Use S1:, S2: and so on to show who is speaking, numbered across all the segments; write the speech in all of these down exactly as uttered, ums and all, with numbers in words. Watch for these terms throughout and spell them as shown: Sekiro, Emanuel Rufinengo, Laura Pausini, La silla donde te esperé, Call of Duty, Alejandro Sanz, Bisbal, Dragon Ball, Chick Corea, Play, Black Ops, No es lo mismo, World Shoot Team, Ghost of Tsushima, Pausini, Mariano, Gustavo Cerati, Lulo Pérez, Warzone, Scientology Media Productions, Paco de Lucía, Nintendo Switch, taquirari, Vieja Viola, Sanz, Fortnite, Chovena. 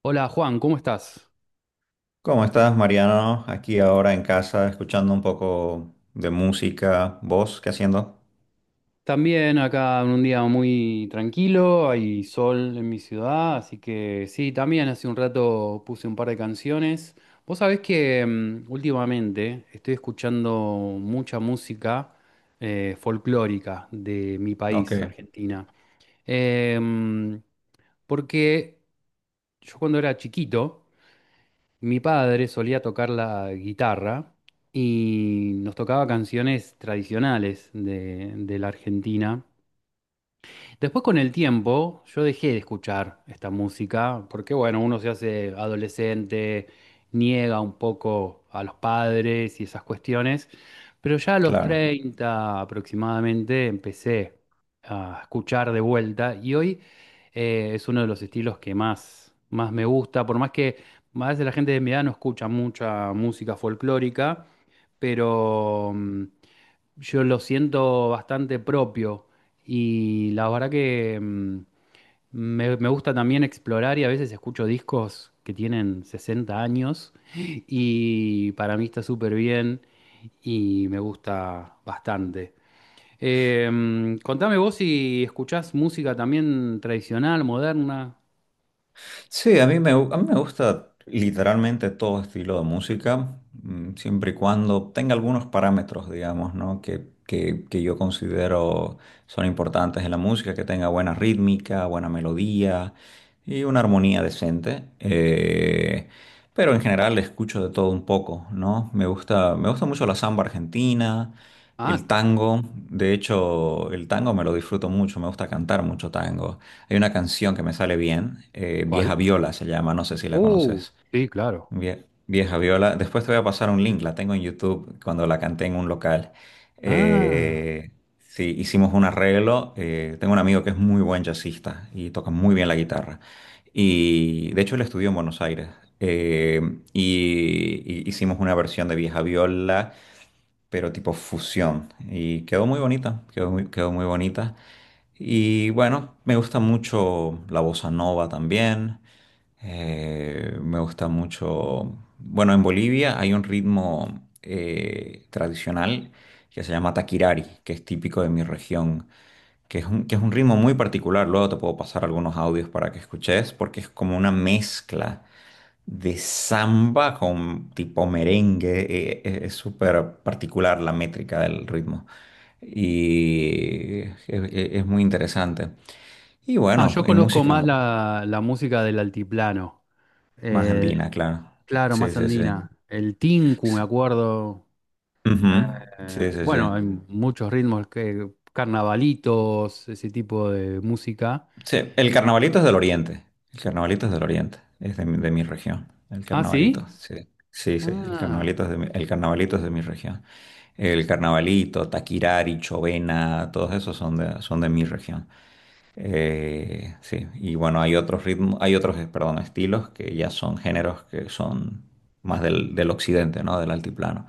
S1: Hola Juan, ¿cómo estás?
S2: ¿Cómo estás, Mariano? Aquí ahora en casa, escuchando un poco de música, voz, ¿qué haciendo?
S1: También acá en un día muy tranquilo, hay sol en mi ciudad, así que sí, también hace un rato puse un par de canciones. Vos sabés que mm, últimamente estoy escuchando mucha música eh, folclórica de mi
S2: Ok,
S1: país, Argentina. Em, Porque yo cuando era chiquito, mi padre solía tocar la guitarra y nos tocaba canciones tradicionales de, de la Argentina. Después con el tiempo yo dejé de escuchar esta música porque bueno, uno se hace adolescente, niega un poco a los padres y esas cuestiones, pero ya a los
S2: claro.
S1: treinta aproximadamente empecé a escuchar de vuelta y hoy eh, es uno de los estilos que más, más me gusta, por más que a veces la gente de mi edad no escucha mucha música folclórica, pero... mm, yo lo siento bastante propio y la verdad que mm, me, me gusta también explorar y a veces escucho discos que tienen sesenta años y para mí está súper bien y me gusta bastante. Eh, mm, contame vos si escuchás música también tradicional, moderna.
S2: Sí, a mí me, gu- a mí me gusta literalmente todo estilo de música, mm, siempre y cuando tenga algunos parámetros, digamos, ¿no? Que, que, que yo considero son importantes en la música, que tenga buena rítmica, buena melodía y una armonía decente. Eh, pero en general escucho de todo un poco, ¿no? Me gusta, me gusta mucho la samba argentina,
S1: Ah,
S2: el tango. De hecho, el tango me lo disfruto mucho, me gusta cantar mucho tango. Hay una canción que me sale bien, eh, Vieja
S1: ¿cuál?
S2: Viola se llama, no sé si la
S1: uh,
S2: conoces.
S1: sí, claro.
S2: Vie- Vieja Viola, después te voy a pasar un link,
S1: Eh,
S2: la tengo en YouTube cuando la canté en un local.
S1: Ah,
S2: Eh, sí, hicimos un arreglo, eh, tengo un amigo que es muy buen jazzista y toca muy bien la guitarra. Y de hecho él estudió en Buenos Aires. Eh, y, y hicimos una versión de Vieja Viola pero tipo fusión. Y quedó muy bonita, quedó muy, quedó muy bonita. Y bueno, me gusta mucho la bossa nova también. Eh, me gusta mucho. Bueno, en Bolivia hay un ritmo eh, tradicional que se llama taquirari, que es típico de mi región, que es un, que es un ritmo muy particular. Luego te puedo pasar algunos audios para que escuches, porque es como una mezcla de samba con tipo merengue. eh, eh, es súper particular la métrica del ritmo y es, es- es muy interesante. Y
S1: ah,
S2: bueno,
S1: yo
S2: y
S1: conozco
S2: música sí.
S1: más
S2: Mu-
S1: la, la música del altiplano.
S2: más
S1: Eh,
S2: andina, claro.
S1: claro,
S2: Sí,
S1: más
S2: sí, sí.
S1: andina. El tinku, me
S2: Sí,
S1: acuerdo.
S2: ujú. Sí,
S1: Eh,
S2: sí, sí.
S1: bueno, hay muchos ritmos, que, carnavalitos, ese tipo de música.
S2: Sí, el carnavalito es del oriente. El carnavalito es del oriente. Es de mi, de mi región. El
S1: Ah, ¿sí?
S2: carnavalito, sí. Sí, sí, el
S1: Ah,
S2: carnavalito es de mi, el carnavalito es de mi región. El carnavalito, Taquirari, Chovena, todos esos son de, son de mi región. Eh, sí, y bueno, hay otros ritmos, hay otros, eh, perdón, estilos que ya son géneros que son más del, del occidente, ¿no? Del altiplano,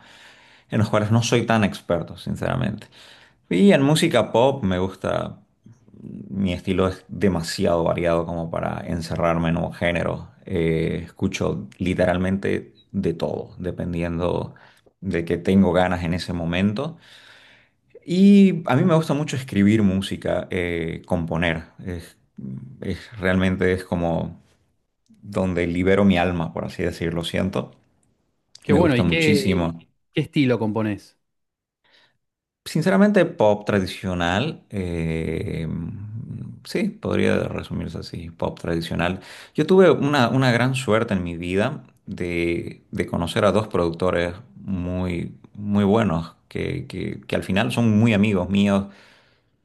S2: en los cuales no soy tan experto, sinceramente. Y en música pop me gusta, mi estilo es demasiado variado como para encerrarme en un género. Eh, escucho literalmente de todo, dependiendo de que tengo ganas en ese momento. Y a mí me gusta mucho escribir música, eh, componer. Es, es- realmente es como donde libero mi alma, por así decirlo, siento.
S1: qué
S2: Me
S1: bueno.
S2: gusta
S1: ¿Y qué,
S2: muchísimo.
S1: qué estilo componés?
S2: Sinceramente, pop tradicional, eh, sí, podría resumirse así, pop tradicional. Yo tuve una, una gran suerte en mi vida de, de conocer a dos productores muy, muy buenos, que, que que al final son muy amigos míos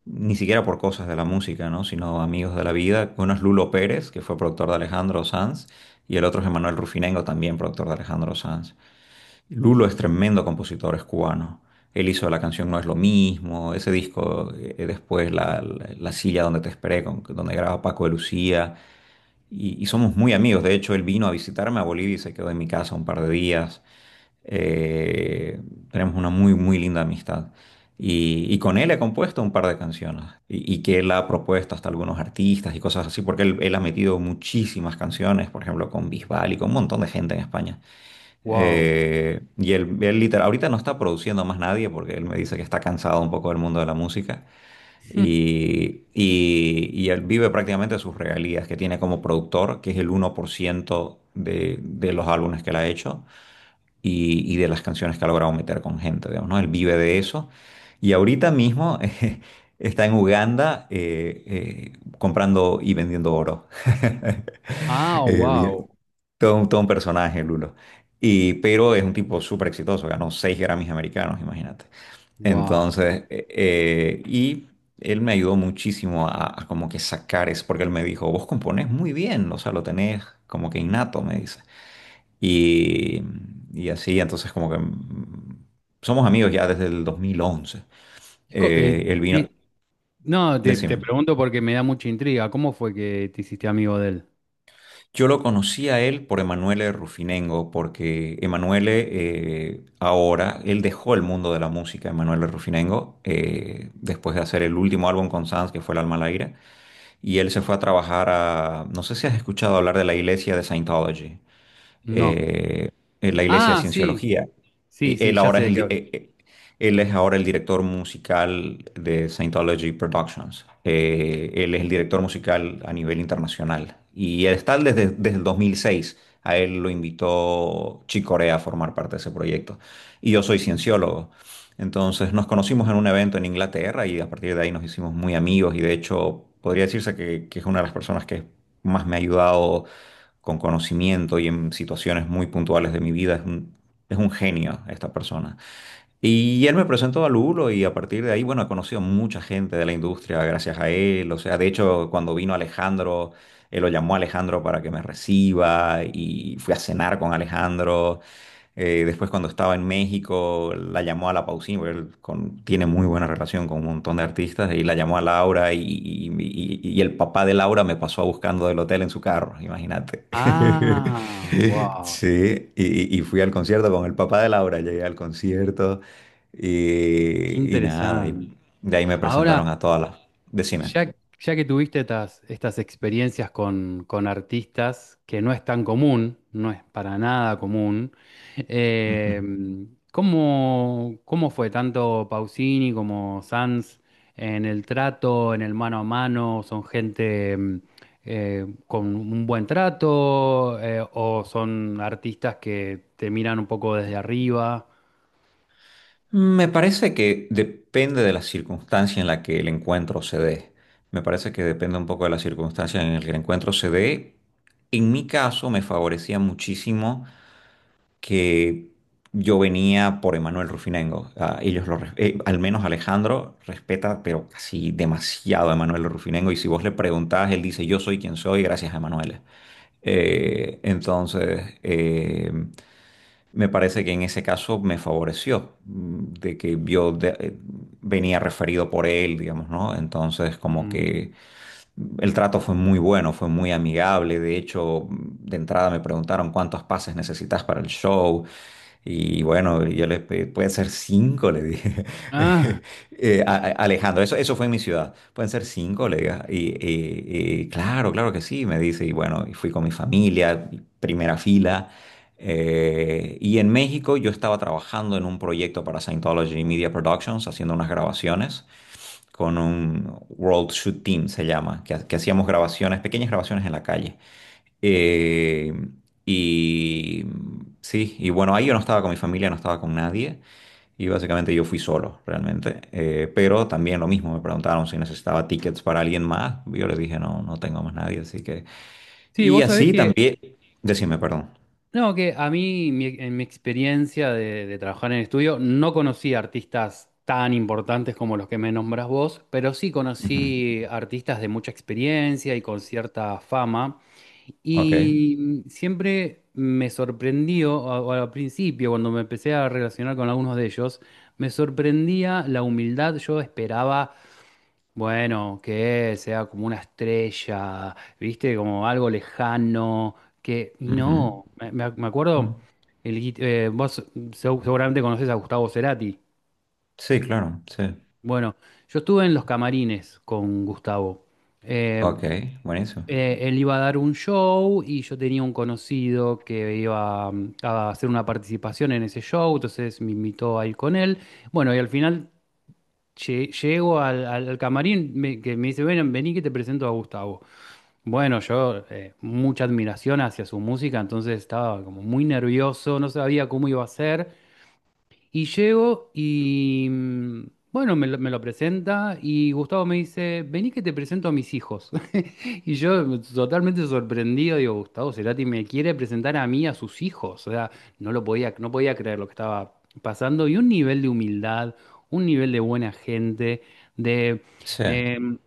S2: ni siquiera por cosas de la música, ¿no? Sino amigos de la vida. Uno es Lulo Pérez, que fue productor de Alejandro Sanz, y el otro es Emanuel Rufinengo, también productor de Alejandro Sanz. Lulo es tremendo compositor, es cubano. Él hizo la canción No es lo mismo, ese disco, eh, después la, la- La silla donde te esperé, con- donde graba Paco de Lucía, y, y somos muy amigos. De hecho, él vino a visitarme a Bolivia y se quedó en mi casa un par de días. Eh, tenemos una muy, muy linda amistad. Y, y con él he compuesto un par de canciones y, y que él ha propuesto hasta algunos artistas y cosas así, porque él, él ha metido muchísimas canciones, por ejemplo, con Bisbal y con un montón de gente en España.
S1: Wow.
S2: Eh, y él, él literal, ahorita no está produciendo más nadie porque él me dice que está cansado un poco del mundo de la música y, y, y él vive prácticamente sus regalías que tiene como productor, que es el uno por ciento de, de los álbumes que él ha hecho y, y de las canciones que ha logrado meter con gente, digamos, ¿no? Él vive de eso. Y ahorita mismo eh, está en Uganda eh, eh, comprando y vendiendo oro.
S1: Ah,
S2: Eh, bien,
S1: wow.
S2: todo, un todo un personaje, Lulo. Y, pero es un tipo súper exitoso, ganó seis Grammys americanos, imagínate.
S1: Wow.
S2: Entonces, eh, eh, y él me ayudó muchísimo a, a como que sacar eso, porque él me dijo, vos componés muy bien, o sea, lo tenés como que innato, me dice. Y, y así, entonces como que mm, somos amigos ya desde el dos mil once.
S1: Y co-
S2: Eh,
S1: eh,
S2: él vino,
S1: di- no, te, te
S2: decime.
S1: pregunto porque me da mucha intriga. ¿Cómo fue que te hiciste amigo de él?
S2: Yo lo conocí a él por Emanuele Rufinengo, porque Emanuele eh, ahora, él dejó el mundo de la música, Emanuele Rufinengo, eh, después de hacer el último álbum con Sanz, que fue El alma al aire, y él se fue a trabajar a, no sé si has escuchado hablar de la iglesia de Scientology.
S1: No.
S2: Eh, en la iglesia de
S1: Ah, sí.
S2: Cienciología.
S1: Sí,
S2: Y
S1: sí,
S2: él
S1: ya
S2: ahora
S1: sé
S2: es
S1: de
S2: el,
S1: qué
S2: di-
S1: hablo.
S2: eh, eh, él es ahora el director musical de Scientology Productions. Eh, él es el director musical a nivel internacional. Y él está desde, desde el dos mil seis. A él lo invitó Chick Corea a formar parte de ese proyecto. Y yo soy cienciólogo. Entonces nos conocimos en un evento en Inglaterra y a partir de ahí nos hicimos muy amigos y de hecho podría decirse que, que es una de las personas que más me ha ayudado con conocimiento y en situaciones muy puntuales de mi vida. Es un, es un genio esta persona. Y él me presentó a Lulo y a partir de ahí, bueno, he conocido mucha gente de la industria gracias a él. O sea, de hecho, cuando vino Alejandro, él lo llamó a Alejandro para que me reciba y fui a cenar con Alejandro. Eh, después cuando estaba en México, la llamó a la Pausini, porque él con- tiene muy buena relación con un montón de artistas, y la llamó a Laura y, y- y- y el papá de Laura me pasó buscando del hotel en su carro, imagínate.
S1: Ah, wow.
S2: Sí, y, y fui al concierto con el papá de Laura, llegué al concierto
S1: Qué
S2: y, y nada,
S1: interesante.
S2: y de ahí me presentaron
S1: Ahora,
S2: a todas las... Decime.
S1: ya, ya que tuviste estas, estas experiencias con, con artistas, que no es tan común, no es para nada común,
S2: Ujú.
S1: eh, ¿cómo, cómo fue tanto Pausini como Sanz en el trato, en el mano a mano? ¿Son gente mm, eh, con un buen trato eh, o son artistas que te miran un poco desde arriba?
S2: Me parece que depende de la circunstancia en la que el encuentro se dé. Me parece que depende un poco de la circunstancia en la que el encuentro se dé. En mi caso me favorecía muchísimo que yo venía por Emanuel Rufinengo. Ah, ellos lo, res- eh, al menos Alejandro respeta, pero casi demasiado a Emanuel Rufinengo. Y si vos le preguntás, él dice, yo soy quien soy gracias a Emanuel. Eh, entonces, eh, me parece que en ese caso me favoreció, mm, de que yo de- eh, venía referido por él, digamos, ¿no? Entonces, como
S1: Mm.
S2: que el trato fue muy bueno, fue muy amigable. De hecho, de entrada me preguntaron cuántos pases necesitas para el show. Y bueno, yo le pedí, pueden ser cinco, le dije.
S1: Ah,
S2: Eh, a- a- Alejandro, eso, eso fue en mi ciudad. Pueden ser cinco, le dije. Y, y- y claro, claro que sí, me dice. Y bueno, y fui con mi familia, primera fila. Eh, y en México yo estaba trabajando en un proyecto para Scientology Media Productions, haciendo unas grabaciones con un World Shoot Team, se llama, que, ha- que hacíamos grabaciones, pequeñas grabaciones en la calle. Eh, y sí, y bueno, ahí yo no estaba con mi familia, no estaba con nadie, y básicamente yo fui solo, realmente. Eh, pero también lo mismo, me preguntaron si necesitaba tickets para alguien más, yo les dije, no, no tengo más nadie, así que...
S1: sí,
S2: Y
S1: vos sabés
S2: así
S1: que...
S2: también, decime, perdón.
S1: No, que a mí, mi- en mi experiencia de, de trabajar en el estudio, no conocí artistas tan importantes como los que me nombras vos, pero sí
S2: Ujú,
S1: conocí artistas de mucha experiencia y con cierta fama.
S2: ok.
S1: Y siempre me sorprendió, a- o al principio, cuando me empecé a relacionar con algunos de ellos, me sorprendía la humildad. Yo esperaba bueno, que sea como una estrella, ¿viste? Como algo lejano, que... y
S2: ujú,
S1: no, me, me- me
S2: mm,
S1: acuerdo, el, guit- eh, vos seg- seguramente conocés a Gustavo Cerati.
S2: Sí, claro, sí.
S1: Bueno, yo estuve en los camarines con Gustavo. Eh,
S2: Ok, buenísimo.
S1: eh, Él iba a dar un show y yo tenía un conocido que iba mm, a hacer una participación en ese show, entonces me invitó a ir con él. Bueno, y al final lle- llego al, al- al camarín me- que me dice, ven, vení que te presento a Gustavo. Bueno, yo eh, mucha admiración hacia su música, entonces estaba como muy nervioso, no sabía cómo iba a ser. Y llego y mm, bueno, me lo, me lo presenta y Gustavo me dice, vení que te presento a mis hijos. Y yo totalmente sorprendido, digo, Gustavo Cerati me quiere presentar a mí, a sus hijos. O sea, no lo podía, no podía creer lo que estaba pasando. Y un nivel de humildad, un nivel de buena gente, de...
S2: Sí,
S1: em,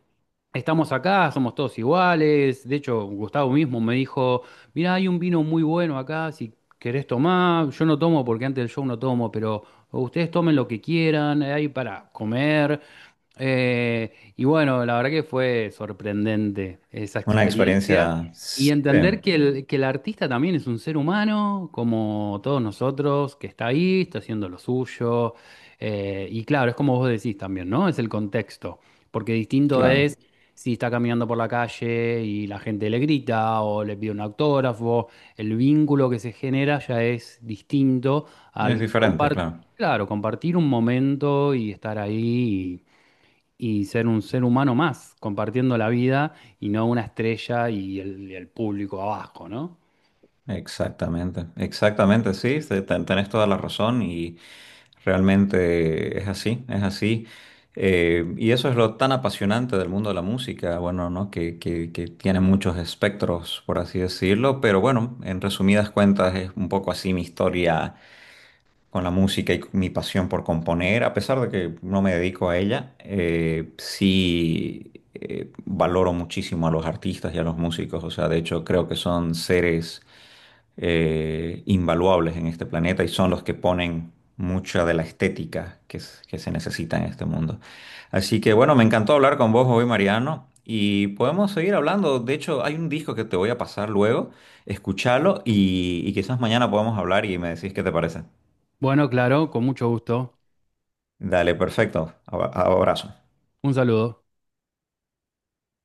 S1: estamos acá, somos todos iguales. De hecho, Gustavo mismo me dijo, mirá, hay un vino muy bueno acá, si querés tomar, yo no tomo porque antes del show no tomo, pero ustedes tomen lo que quieran, hay para comer. Eh, y bueno, la verdad que fue sorprendente esa
S2: una
S1: experiencia
S2: experiencia...
S1: y
S2: Sí.
S1: entender que el, que el artista también es un ser humano, como todos nosotros, que está ahí, está haciendo lo suyo. Eh, y claro, es como vos decís también, ¿no? Es el contexto, porque distinto
S2: Claro,
S1: es si está caminando por la calle y la gente le grita o le pide un autógrafo, el vínculo que se genera ya es distinto
S2: es
S1: al
S2: diferente,
S1: compartir,
S2: claro.
S1: claro, compartir un momento y estar ahí y ser un ser humano más, compartiendo la vida y no una estrella y el, y el público abajo, ¿no?
S2: Exactamente, exactamente, sí, te- te- tenés toda la razón y realmente es así, es así. Eh, y eso es lo tan apasionante del mundo de la música, bueno, ¿no? Que, que, que tiene muchos espectros, por así decirlo, pero bueno, en resumidas cuentas es un poco así mi historia con la música y con mi pasión por componer, a pesar de que no me dedico a ella, eh, sí eh, valoro muchísimo a los artistas y a los músicos. O sea, de hecho creo que son seres eh, invaluables en este planeta y son los que ponen mucha de la estética que, es- que se necesita en este mundo. Así que bueno, me encantó hablar con vos hoy, Mariano. Y podemos seguir hablando. De hecho, hay un disco que te voy a pasar luego. Escuchalo y, y quizás mañana podemos hablar y me decís qué te parece.
S1: Bueno, claro, con mucho gusto.
S2: Dale, perfecto. Aba- Abrazo.
S1: Un saludo.